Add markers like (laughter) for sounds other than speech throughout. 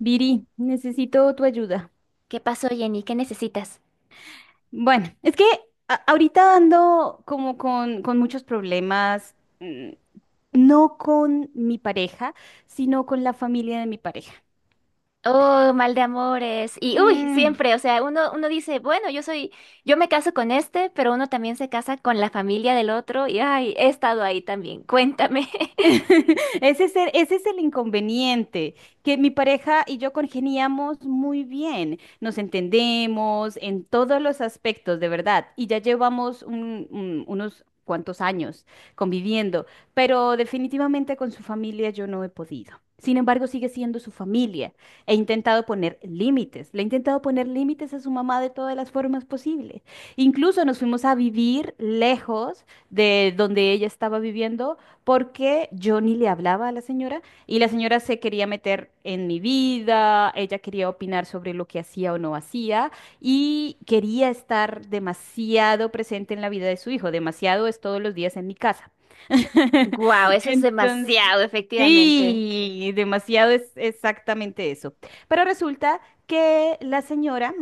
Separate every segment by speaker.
Speaker 1: Viri, necesito tu ayuda.
Speaker 2: ¿Qué pasó, Jenny? ¿Qué necesitas?
Speaker 1: Bueno, es que ahorita ando como con muchos problemas, mm, no con mi pareja, sino con la familia de mi pareja.
Speaker 2: Oh, mal de amores. Y uy, siempre, o sea, uno dice, bueno, yo soy, yo me caso con este, pero uno también se casa con la familia del otro. Y ay, he estado ahí también. Cuéntame. (laughs)
Speaker 1: Ese es el inconveniente, que mi pareja y yo congeniamos muy bien, nos entendemos en todos los aspectos, de verdad, y ya llevamos unos cuantos años conviviendo, pero definitivamente con su familia yo no he podido. Sin embargo, sigue siendo su familia. He intentado poner límites, le he intentado poner límites a su mamá de todas las formas posibles. Incluso nos fuimos a vivir lejos de donde ella estaba viviendo porque yo ni le hablaba a la señora, y la señora se quería meter en mi vida, ella quería opinar sobre lo que hacía o no hacía y quería estar demasiado presente en la vida de su hijo, demasiado es todos los días en mi casa.
Speaker 2: Wow,
Speaker 1: (laughs)
Speaker 2: eso es
Speaker 1: Entonces,
Speaker 2: demasiado, efectivamente.
Speaker 1: sí, demasiado es exactamente eso. Pero resulta que la señora,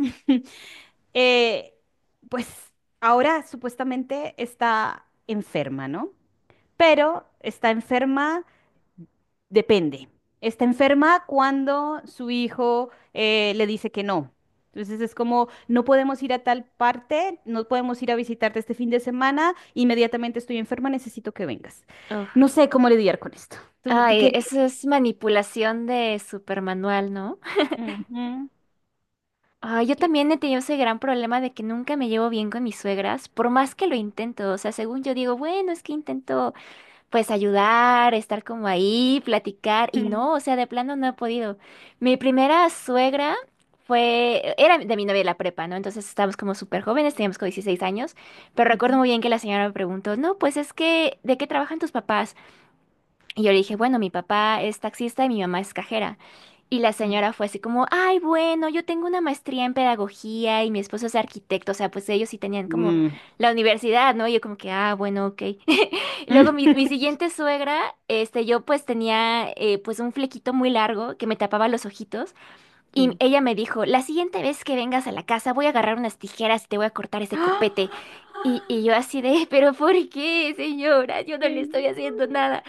Speaker 1: (laughs) eh, pues ahora supuestamente está enferma, ¿no? Pero está enferma, depende. Está enferma cuando su hijo le dice que no. Entonces es como, no podemos ir a tal parte, no podemos ir a visitarte este fin de semana, inmediatamente estoy enferma, necesito que vengas. No
Speaker 2: Uf.
Speaker 1: sé cómo lidiar con esto. ¿Tú
Speaker 2: Ay,
Speaker 1: quieres?
Speaker 2: eso es manipulación de supermanual, ¿no?
Speaker 1: Ujú.
Speaker 2: Ay, yo
Speaker 1: ¿Qué-
Speaker 2: también he tenido ese gran problema de que nunca me llevo bien con mis suegras, por más que lo intento. O sea, según yo digo, bueno, es que intento, pues ayudar, estar como ahí, platicar y
Speaker 1: Mm,
Speaker 2: no, o sea, de plano no he podido. Mi primera suegra era de mi novia de la prepa, ¿no? Entonces estábamos como súper jóvenes, teníamos como 16 años, pero recuerdo
Speaker 1: ujú,
Speaker 2: muy bien que la señora me preguntó, no, pues es que, ¿de qué trabajan tus papás? Y yo le dije, bueno, mi papá es taxista y mi mamá es cajera. Y la señora fue así como, ay, bueno, yo tengo una maestría en pedagogía y mi esposo es arquitecto, o sea, pues ellos sí tenían como
Speaker 1: mm, mm,
Speaker 2: la universidad, ¿no? Y yo como que, ah, bueno, ok. (laughs) Luego mi
Speaker 1: (laughs)
Speaker 2: siguiente suegra, yo pues tenía pues un flequito muy largo que me tapaba los ojitos y
Speaker 1: Sí.
Speaker 2: ella me dijo, la siguiente vez que vengas a la casa voy a agarrar unas tijeras y te voy a cortar
Speaker 1: (gasps)
Speaker 2: ese
Speaker 1: ¡Ah!
Speaker 2: copete. Y yo así de, (laughs) pero ¿por qué, señora? Yo no
Speaker 1: Te
Speaker 2: le estoy haciendo
Speaker 1: lloro.
Speaker 2: nada.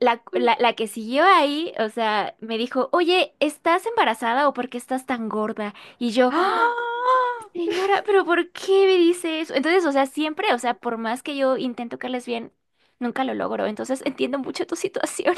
Speaker 2: La que siguió ahí, o sea, me dijo, oye, ¿estás embarazada o por qué estás tan gorda? Y yo, "Ah,
Speaker 1: ¡Ah!
Speaker 2: señora, pero ¿por qué me dice eso?" Entonces, o sea, siempre, o sea, por más que yo intento caerles bien, nunca lo logro. Entonces, entiendo mucho tu (laughs) situación.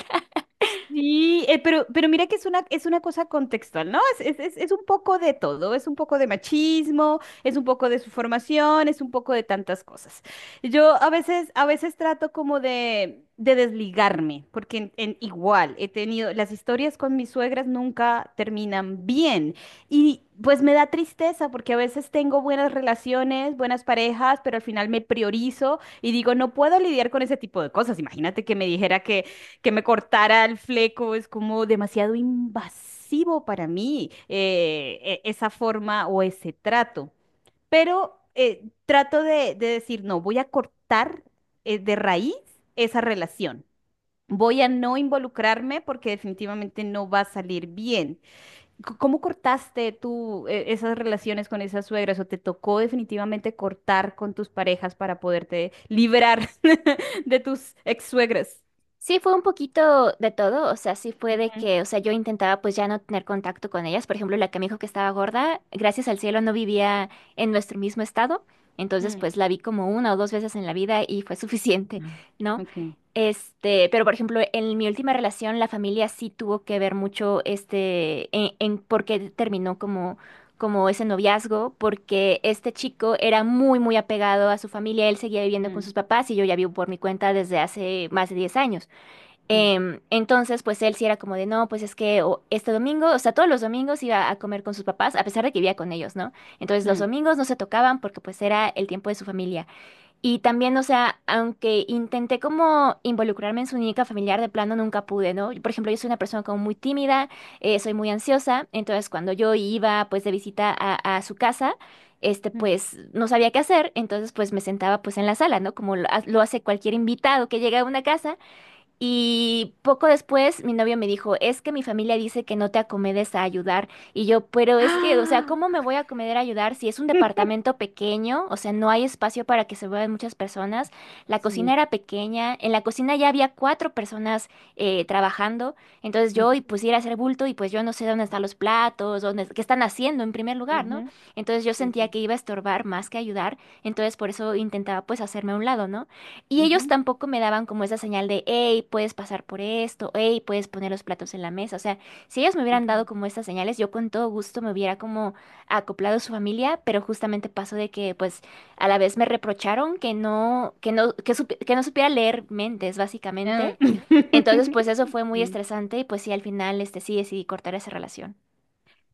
Speaker 1: Sí, pero mira que es una cosa contextual, ¿no? Es un poco de todo, es un poco de machismo, es un poco de su formación, es un poco de tantas cosas. Yo a veces trato como de desligarme, porque en igual he tenido, las historias con mis suegras nunca terminan bien. Y pues me da tristeza porque a veces tengo buenas relaciones, buenas parejas, pero al final me priorizo y digo, no puedo lidiar con ese tipo de cosas. Imagínate que me dijera que me cortara el fleco es como demasiado invasivo para mí, esa forma o ese trato. Pero trato de decir, no, voy a cortar de raíz esa relación. Voy a no involucrarme porque definitivamente no va a salir bien. ¿Cómo cortaste tú esas relaciones con esas suegras o te tocó definitivamente cortar con tus parejas para poderte librar (laughs) de tus ex suegras?
Speaker 2: Sí, fue un poquito de todo, o sea, sí fue de que, o sea, yo intentaba pues ya no tener contacto con ellas, por ejemplo, la que me dijo que estaba gorda, gracias al cielo no vivía en nuestro mismo estado, entonces
Speaker 1: Ujú.
Speaker 2: pues la vi como una o dos veces en la vida y fue (laughs) suficiente,
Speaker 1: Ah,
Speaker 2: ¿no?
Speaker 1: ok.
Speaker 2: Pero por ejemplo, en mi última relación la familia sí tuvo que ver mucho en por qué terminó como ese noviazgo, porque este chico era muy muy apegado a su familia, él seguía viviendo con
Speaker 1: Mm,
Speaker 2: sus papás y yo ya vivo por mi cuenta desde hace más de 10 años.
Speaker 1: sí.
Speaker 2: Entonces, pues él sí era como de, no, pues es que este domingo, o sea, todos los domingos iba a comer con sus papás, a pesar de que vivía con ellos, ¿no? Entonces los
Speaker 1: Mm,
Speaker 2: domingos no se tocaban porque pues era el tiempo de su familia. Y también, o sea, aunque intenté como involucrarme en su única familiar, de plano nunca pude, ¿no? Por ejemplo, yo soy una persona como muy tímida, soy muy ansiosa, entonces cuando yo iba pues de visita a su casa,
Speaker 1: mm.
Speaker 2: pues no sabía qué hacer, entonces pues me sentaba pues en la sala, ¿no? Como lo hace cualquier invitado que llega a una casa. Y poco después mi novio me dijo, es que mi familia dice que no te acomedes a ayudar. Y yo, pero es que, o sea,
Speaker 1: ¡Ah!
Speaker 2: ¿cómo me voy a acomodar a ayudar si es un departamento pequeño? O sea, no hay espacio para que se vean muchas personas. La cocina
Speaker 1: Sí.
Speaker 2: era pequeña, en la cocina ya había cuatro personas trabajando. Entonces yo y
Speaker 1: Ujú,
Speaker 2: pusiera a hacer bulto y pues yo no sé dónde están los platos, dónde, qué están haciendo en primer lugar, ¿no?
Speaker 1: ujú,
Speaker 2: Entonces yo
Speaker 1: sí,
Speaker 2: sentía
Speaker 1: sí.
Speaker 2: que iba a estorbar más que ayudar. Entonces por eso intentaba pues hacerme a un lado, ¿no? Y ellos
Speaker 1: Ujú,
Speaker 2: tampoco me daban como esa señal de, hey, puedes pasar por esto, hey, puedes poner los platos en la mesa. O sea, si ellos me hubieran dado
Speaker 1: ujú.
Speaker 2: como estas señales, yo con todo gusto me hubiera como acoplado a su familia, pero justamente pasó de que, pues, a la vez me reprocharon que no supiera leer mentes, básicamente.
Speaker 1: Ah,
Speaker 2: Entonces, pues eso fue
Speaker 1: (laughs)
Speaker 2: muy
Speaker 1: Sí.
Speaker 2: estresante y pues sí, al final, sí decidí cortar esa relación.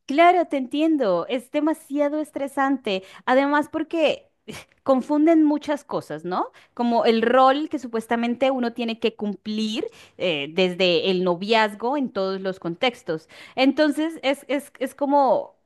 Speaker 1: Claro, te entiendo, es demasiado estresante. Además, porque (laughs) (sighs) confunden muchas cosas, ¿no? Como el rol que supuestamente uno tiene que cumplir desde el noviazgo en todos los contextos. Entonces, es como,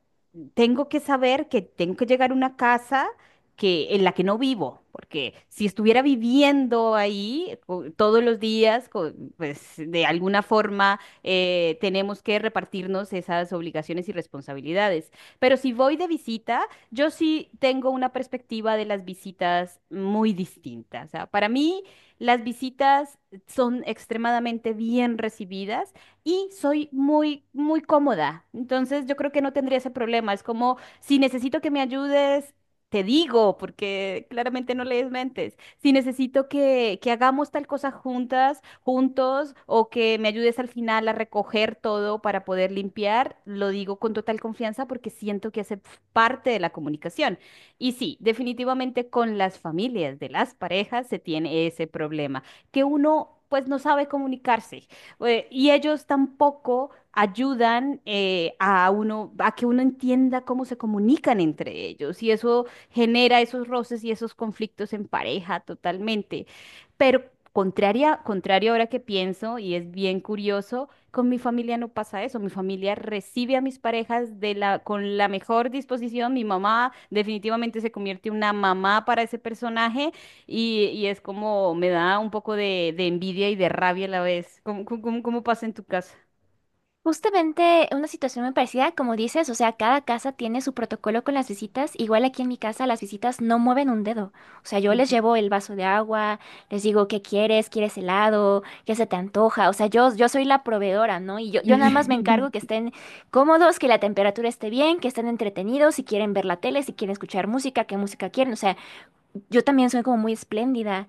Speaker 1: tengo que saber que tengo que llegar a una casa que, en la que no vivo, porque si estuviera viviendo ahí todos los días, pues de alguna forma tenemos que repartirnos esas obligaciones y responsabilidades. Pero si voy de visita, yo sí tengo una perspectiva de las visitas muy distinta. O sea, para mí las visitas son extremadamente bien recibidas y soy muy cómoda. Entonces yo creo que no tendría ese problema. Es como, si necesito que me ayudes, te digo, porque claramente no lees mentes. Si necesito que hagamos tal cosa juntas, juntos o que me ayudes al final a recoger todo para poder limpiar, lo digo con total confianza porque siento que hace parte de la comunicación. Y sí, definitivamente con las familias de las parejas se tiene ese problema, que uno pues no sabe comunicarse y ellos tampoco ayudan a uno, a que uno entienda cómo se comunican entre ellos y eso genera esos roces y esos conflictos en pareja totalmente. Pero contrario ahora que pienso, y es bien curioso, con mi familia no pasa eso. Mi familia recibe a mis parejas de la, con la mejor disposición. Mi mamá definitivamente se convierte en una mamá para ese personaje y es como me da un poco de envidia y de rabia a la vez. ¿Cómo pasa en tu casa?
Speaker 2: Justamente una situación muy parecida, como dices, o sea, cada casa tiene su protocolo con las visitas. Igual aquí en mi casa las visitas no mueven un dedo. O sea, yo les
Speaker 1: Ujú.
Speaker 2: llevo el vaso de agua, les digo qué quieres, quieres helado, qué se te antoja. O sea, yo soy la proveedora, ¿no? Y yo nada más me encargo que
Speaker 1: (laughs)
Speaker 2: estén cómodos, que la temperatura esté bien, que estén entretenidos, si quieren ver la tele, si quieren escuchar música, qué música quieren. O sea, yo también soy como muy espléndida.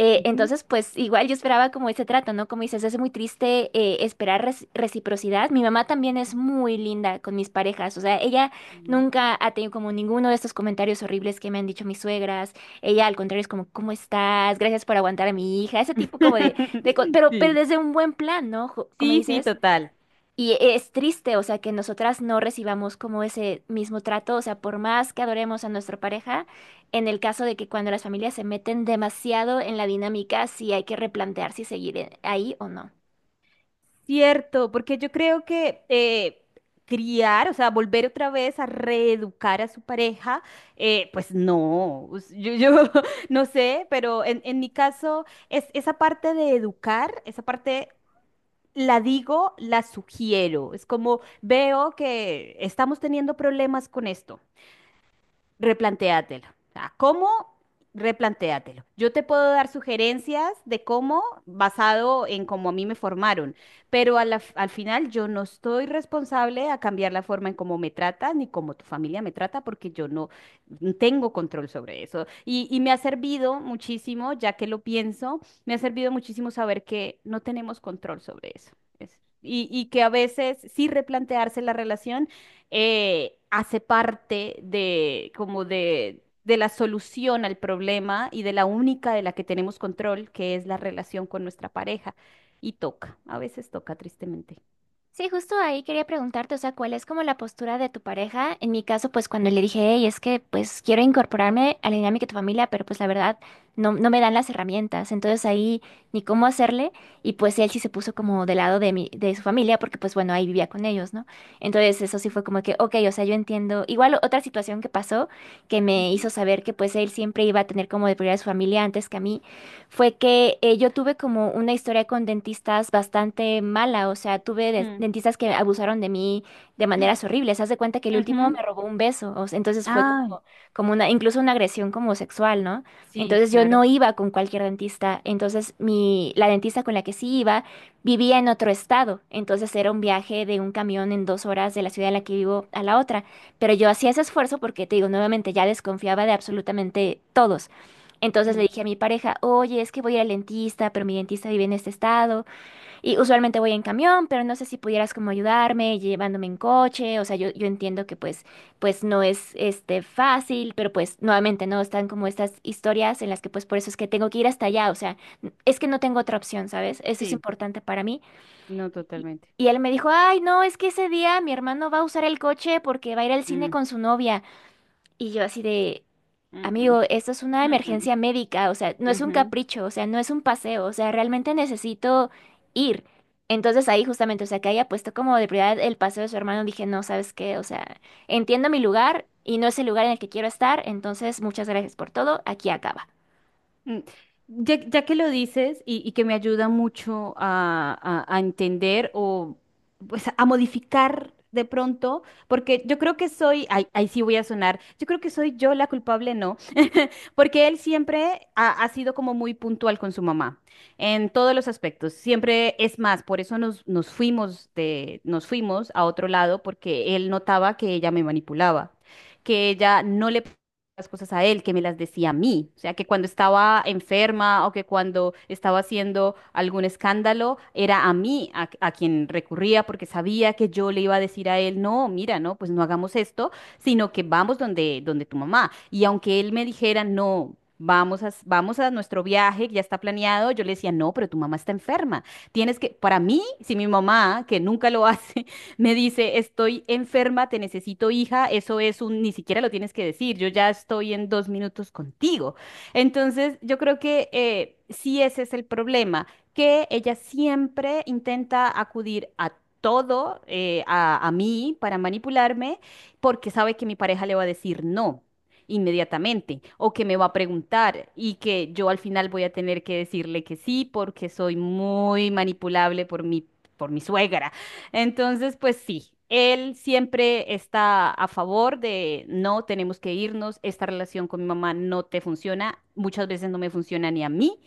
Speaker 1: Ujú.
Speaker 2: Entonces, pues igual yo esperaba como ese trato, ¿no? Como dices, es muy triste esperar reciprocidad. Mi mamá también es muy linda con mis parejas, o sea, ella nunca ha tenido como ninguno de estos comentarios horribles que me han dicho mis suegras. Ella al contrario es como, ¿cómo estás? Gracias por aguantar a mi hija, ese tipo como de,
Speaker 1: (laughs)
Speaker 2: pero
Speaker 1: Sí,
Speaker 2: desde un buen plan, ¿no? Como
Speaker 1: sí, sí,
Speaker 2: dices.
Speaker 1: total.
Speaker 2: Y es triste, o sea, que nosotras no recibamos como ese mismo trato, o sea, por más que adoremos a nuestra pareja, en el caso de que cuando las familias se meten demasiado en la dinámica, sí hay que replantear si seguir ahí o no.
Speaker 1: Cierto, porque yo creo que criar, o sea, volver otra vez a reeducar a su pareja, pues no, yo (laughs) no sé, pero en mi caso es esa parte de educar, esa parte la digo, la sugiero, es como veo que estamos teniendo problemas con esto, replantéatelo. O sea, ¿cómo? Replantéatelo. Yo te puedo dar sugerencias de cómo, basado en cómo a mí me formaron, pero al final yo no estoy responsable a cambiar la forma en cómo me tratan ni cómo tu familia me trata porque yo no tengo control sobre eso. Y me ha servido muchísimo, ya que lo pienso, me ha servido muchísimo saber que no tenemos control sobre eso. Y que a veces sí replantearse la relación hace parte de como de la solución al problema y de la única de la que tenemos control, que es la relación con nuestra pareja. Y toca, a veces toca tristemente.
Speaker 2: Sí, justo ahí quería preguntarte, o sea, ¿cuál es como la postura de tu pareja? En mi caso, pues cuando le dije, hey, es que pues quiero incorporarme a la dinámica de tu familia, pero pues la verdad no me dan las herramientas, entonces ahí ni cómo hacerle, y pues él sí se puso como del lado de de su familia, porque pues bueno, ahí vivía con ellos, ¿no? Entonces eso sí fue como que, ok, o sea, yo entiendo, igual otra situación que pasó que me hizo
Speaker 1: Ujú.
Speaker 2: saber que pues él siempre iba a tener como de prioridad a su familia antes que a mí, fue que yo tuve como una historia con dentistas bastante mala, o sea, tuve
Speaker 1: Mm.
Speaker 2: dentistas que abusaron de mí de maneras horribles. Haz de cuenta que el último
Speaker 1: Ujú.
Speaker 2: me robó un beso, o sea, entonces fue
Speaker 1: Ay,
Speaker 2: como una, incluso una agresión como sexual, ¿no?
Speaker 1: sí,
Speaker 2: Entonces yo
Speaker 1: claro.
Speaker 2: no iba con cualquier dentista, entonces la dentista con la que sí iba vivía en otro estado, entonces era un viaje de un camión en 2 horas de la ciudad en la que vivo a la otra, pero yo hacía ese esfuerzo porque te digo, nuevamente ya desconfiaba de absolutamente todos. Entonces le
Speaker 1: Mm.
Speaker 2: dije a mi pareja, oye, es que voy a ir al dentista, pero mi dentista vive en este estado y usualmente voy en camión, pero no sé si pudieras como ayudarme llevándome en coche, o sea, yo entiendo que pues, pues no es fácil, pero pues nuevamente no están como estas historias en las que pues por eso es que tengo que ir hasta allá, o sea, es que no tengo otra opción, ¿sabes? Eso es
Speaker 1: Sí,
Speaker 2: importante para mí.
Speaker 1: no
Speaker 2: Y
Speaker 1: totalmente.
Speaker 2: y él me dijo, ay, no, es que ese día mi hermano va a usar el coche porque va a ir al cine
Speaker 1: Mm,
Speaker 2: con su novia. Y yo así de,
Speaker 1: mm, mm,
Speaker 2: amigo, esto es una
Speaker 1: mm, mm,
Speaker 2: emergencia médica, o sea, no es un
Speaker 1: ujú.
Speaker 2: capricho, o sea, no es un paseo, o sea, realmente necesito ir. Entonces ahí justamente, o sea, que haya puesto como de prioridad el paseo de su hermano, dije, no, ¿sabes qué? O sea, entiendo mi lugar y no es el lugar en el que quiero estar, entonces muchas gracias por todo, aquí acaba.
Speaker 1: Mm, ya, ya que lo dices y que me ayuda mucho a, a entender o pues a modificar de pronto, porque yo creo que soy, ay, ahí sí voy a sonar, yo creo que soy yo la culpable, ¿no? Porque él siempre ha sido como muy puntual con su mamá en todos los aspectos. Siempre es más, por eso nos fuimos nos fuimos a otro lado porque él notaba que ella me manipulaba, que ella no las cosas a él, que me las decía a mí. O sea, que cuando estaba enferma o que cuando estaba haciendo algún escándalo, era a mí a quien recurría porque sabía que yo le iba a decir a él, no, mira, no, pues no hagamos esto sino que vamos donde, donde tu mamá. Y aunque él me dijera, no. Vamos a, vamos a nuestro viaje, que ya está planeado. Yo le decía, no, pero tu mamá está enferma. Tienes que, para mí, si mi mamá, que nunca lo hace, (laughs) me dice, estoy enferma, te necesito hija, eso es un, ni siquiera lo tienes que decir, yo ya estoy en 2 minutos contigo. Entonces, yo creo que sí ese es el problema, que ella siempre intenta acudir a todo, a mí para manipularme porque sabe que mi pareja le va a decir no inmediatamente o que me va a preguntar y que yo al final voy a tener que decirle que sí porque soy muy manipulable por mi suegra. Entonces, pues sí. Él siempre está a favor de no tenemos que irnos, esta relación con mi mamá no te funciona, muchas veces no me funciona ni a mí,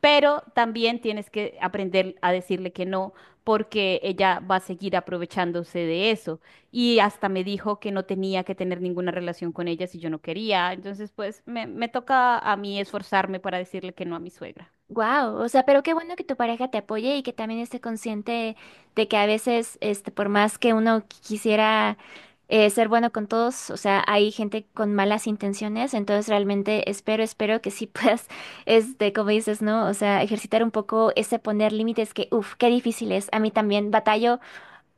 Speaker 1: pero también tienes que aprender a decirle que no, porque ella va a seguir aprovechándose de eso. Y hasta me dijo que no tenía que tener ninguna relación con ella si yo no quería. Entonces, pues me toca a mí esforzarme para decirle que no a mi suegra.
Speaker 2: Wow, o sea, pero qué bueno que tu pareja te apoye y que también esté consciente de que a veces, por más que uno quisiera ser bueno con todos, o sea, hay gente con malas intenciones, entonces realmente espero, espero que sí puedas, (laughs) como dices, ¿no? O sea, ejercitar un poco ese poner límites que, uff, qué difícil es. A mí también batallo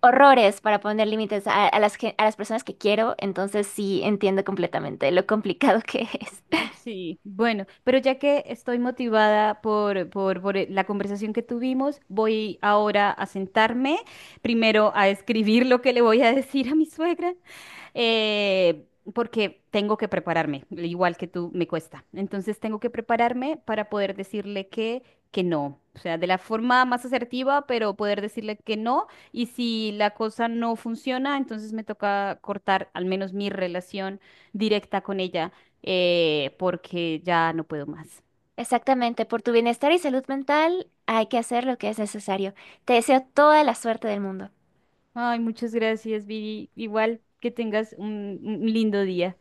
Speaker 2: horrores para poner límites a, a las personas que quiero, entonces sí entiendo completamente lo complicado (laughs) que es.
Speaker 1: Sí, bueno, pero ya que estoy motivada por la conversación que tuvimos, voy ahora a sentarme, primero a escribir lo que le voy a (laughs) decir a mi suegra, eh, porque tengo que prepararme, igual que tú me cuesta. Entonces tengo que prepararme para poder decirle que no, o sea, de la forma más asertiva, pero poder decirle que no, y si la cosa no funciona, entonces me toca cortar al menos mi relación directa con ella porque ya no puedo más.
Speaker 2: Exactamente, por tu bienestar y salud mental hay que hacer lo que es necesario. Te deseo toda la suerte del mundo.
Speaker 1: Ay, muchas gracias, Viri. Igual que tengas un lindo día.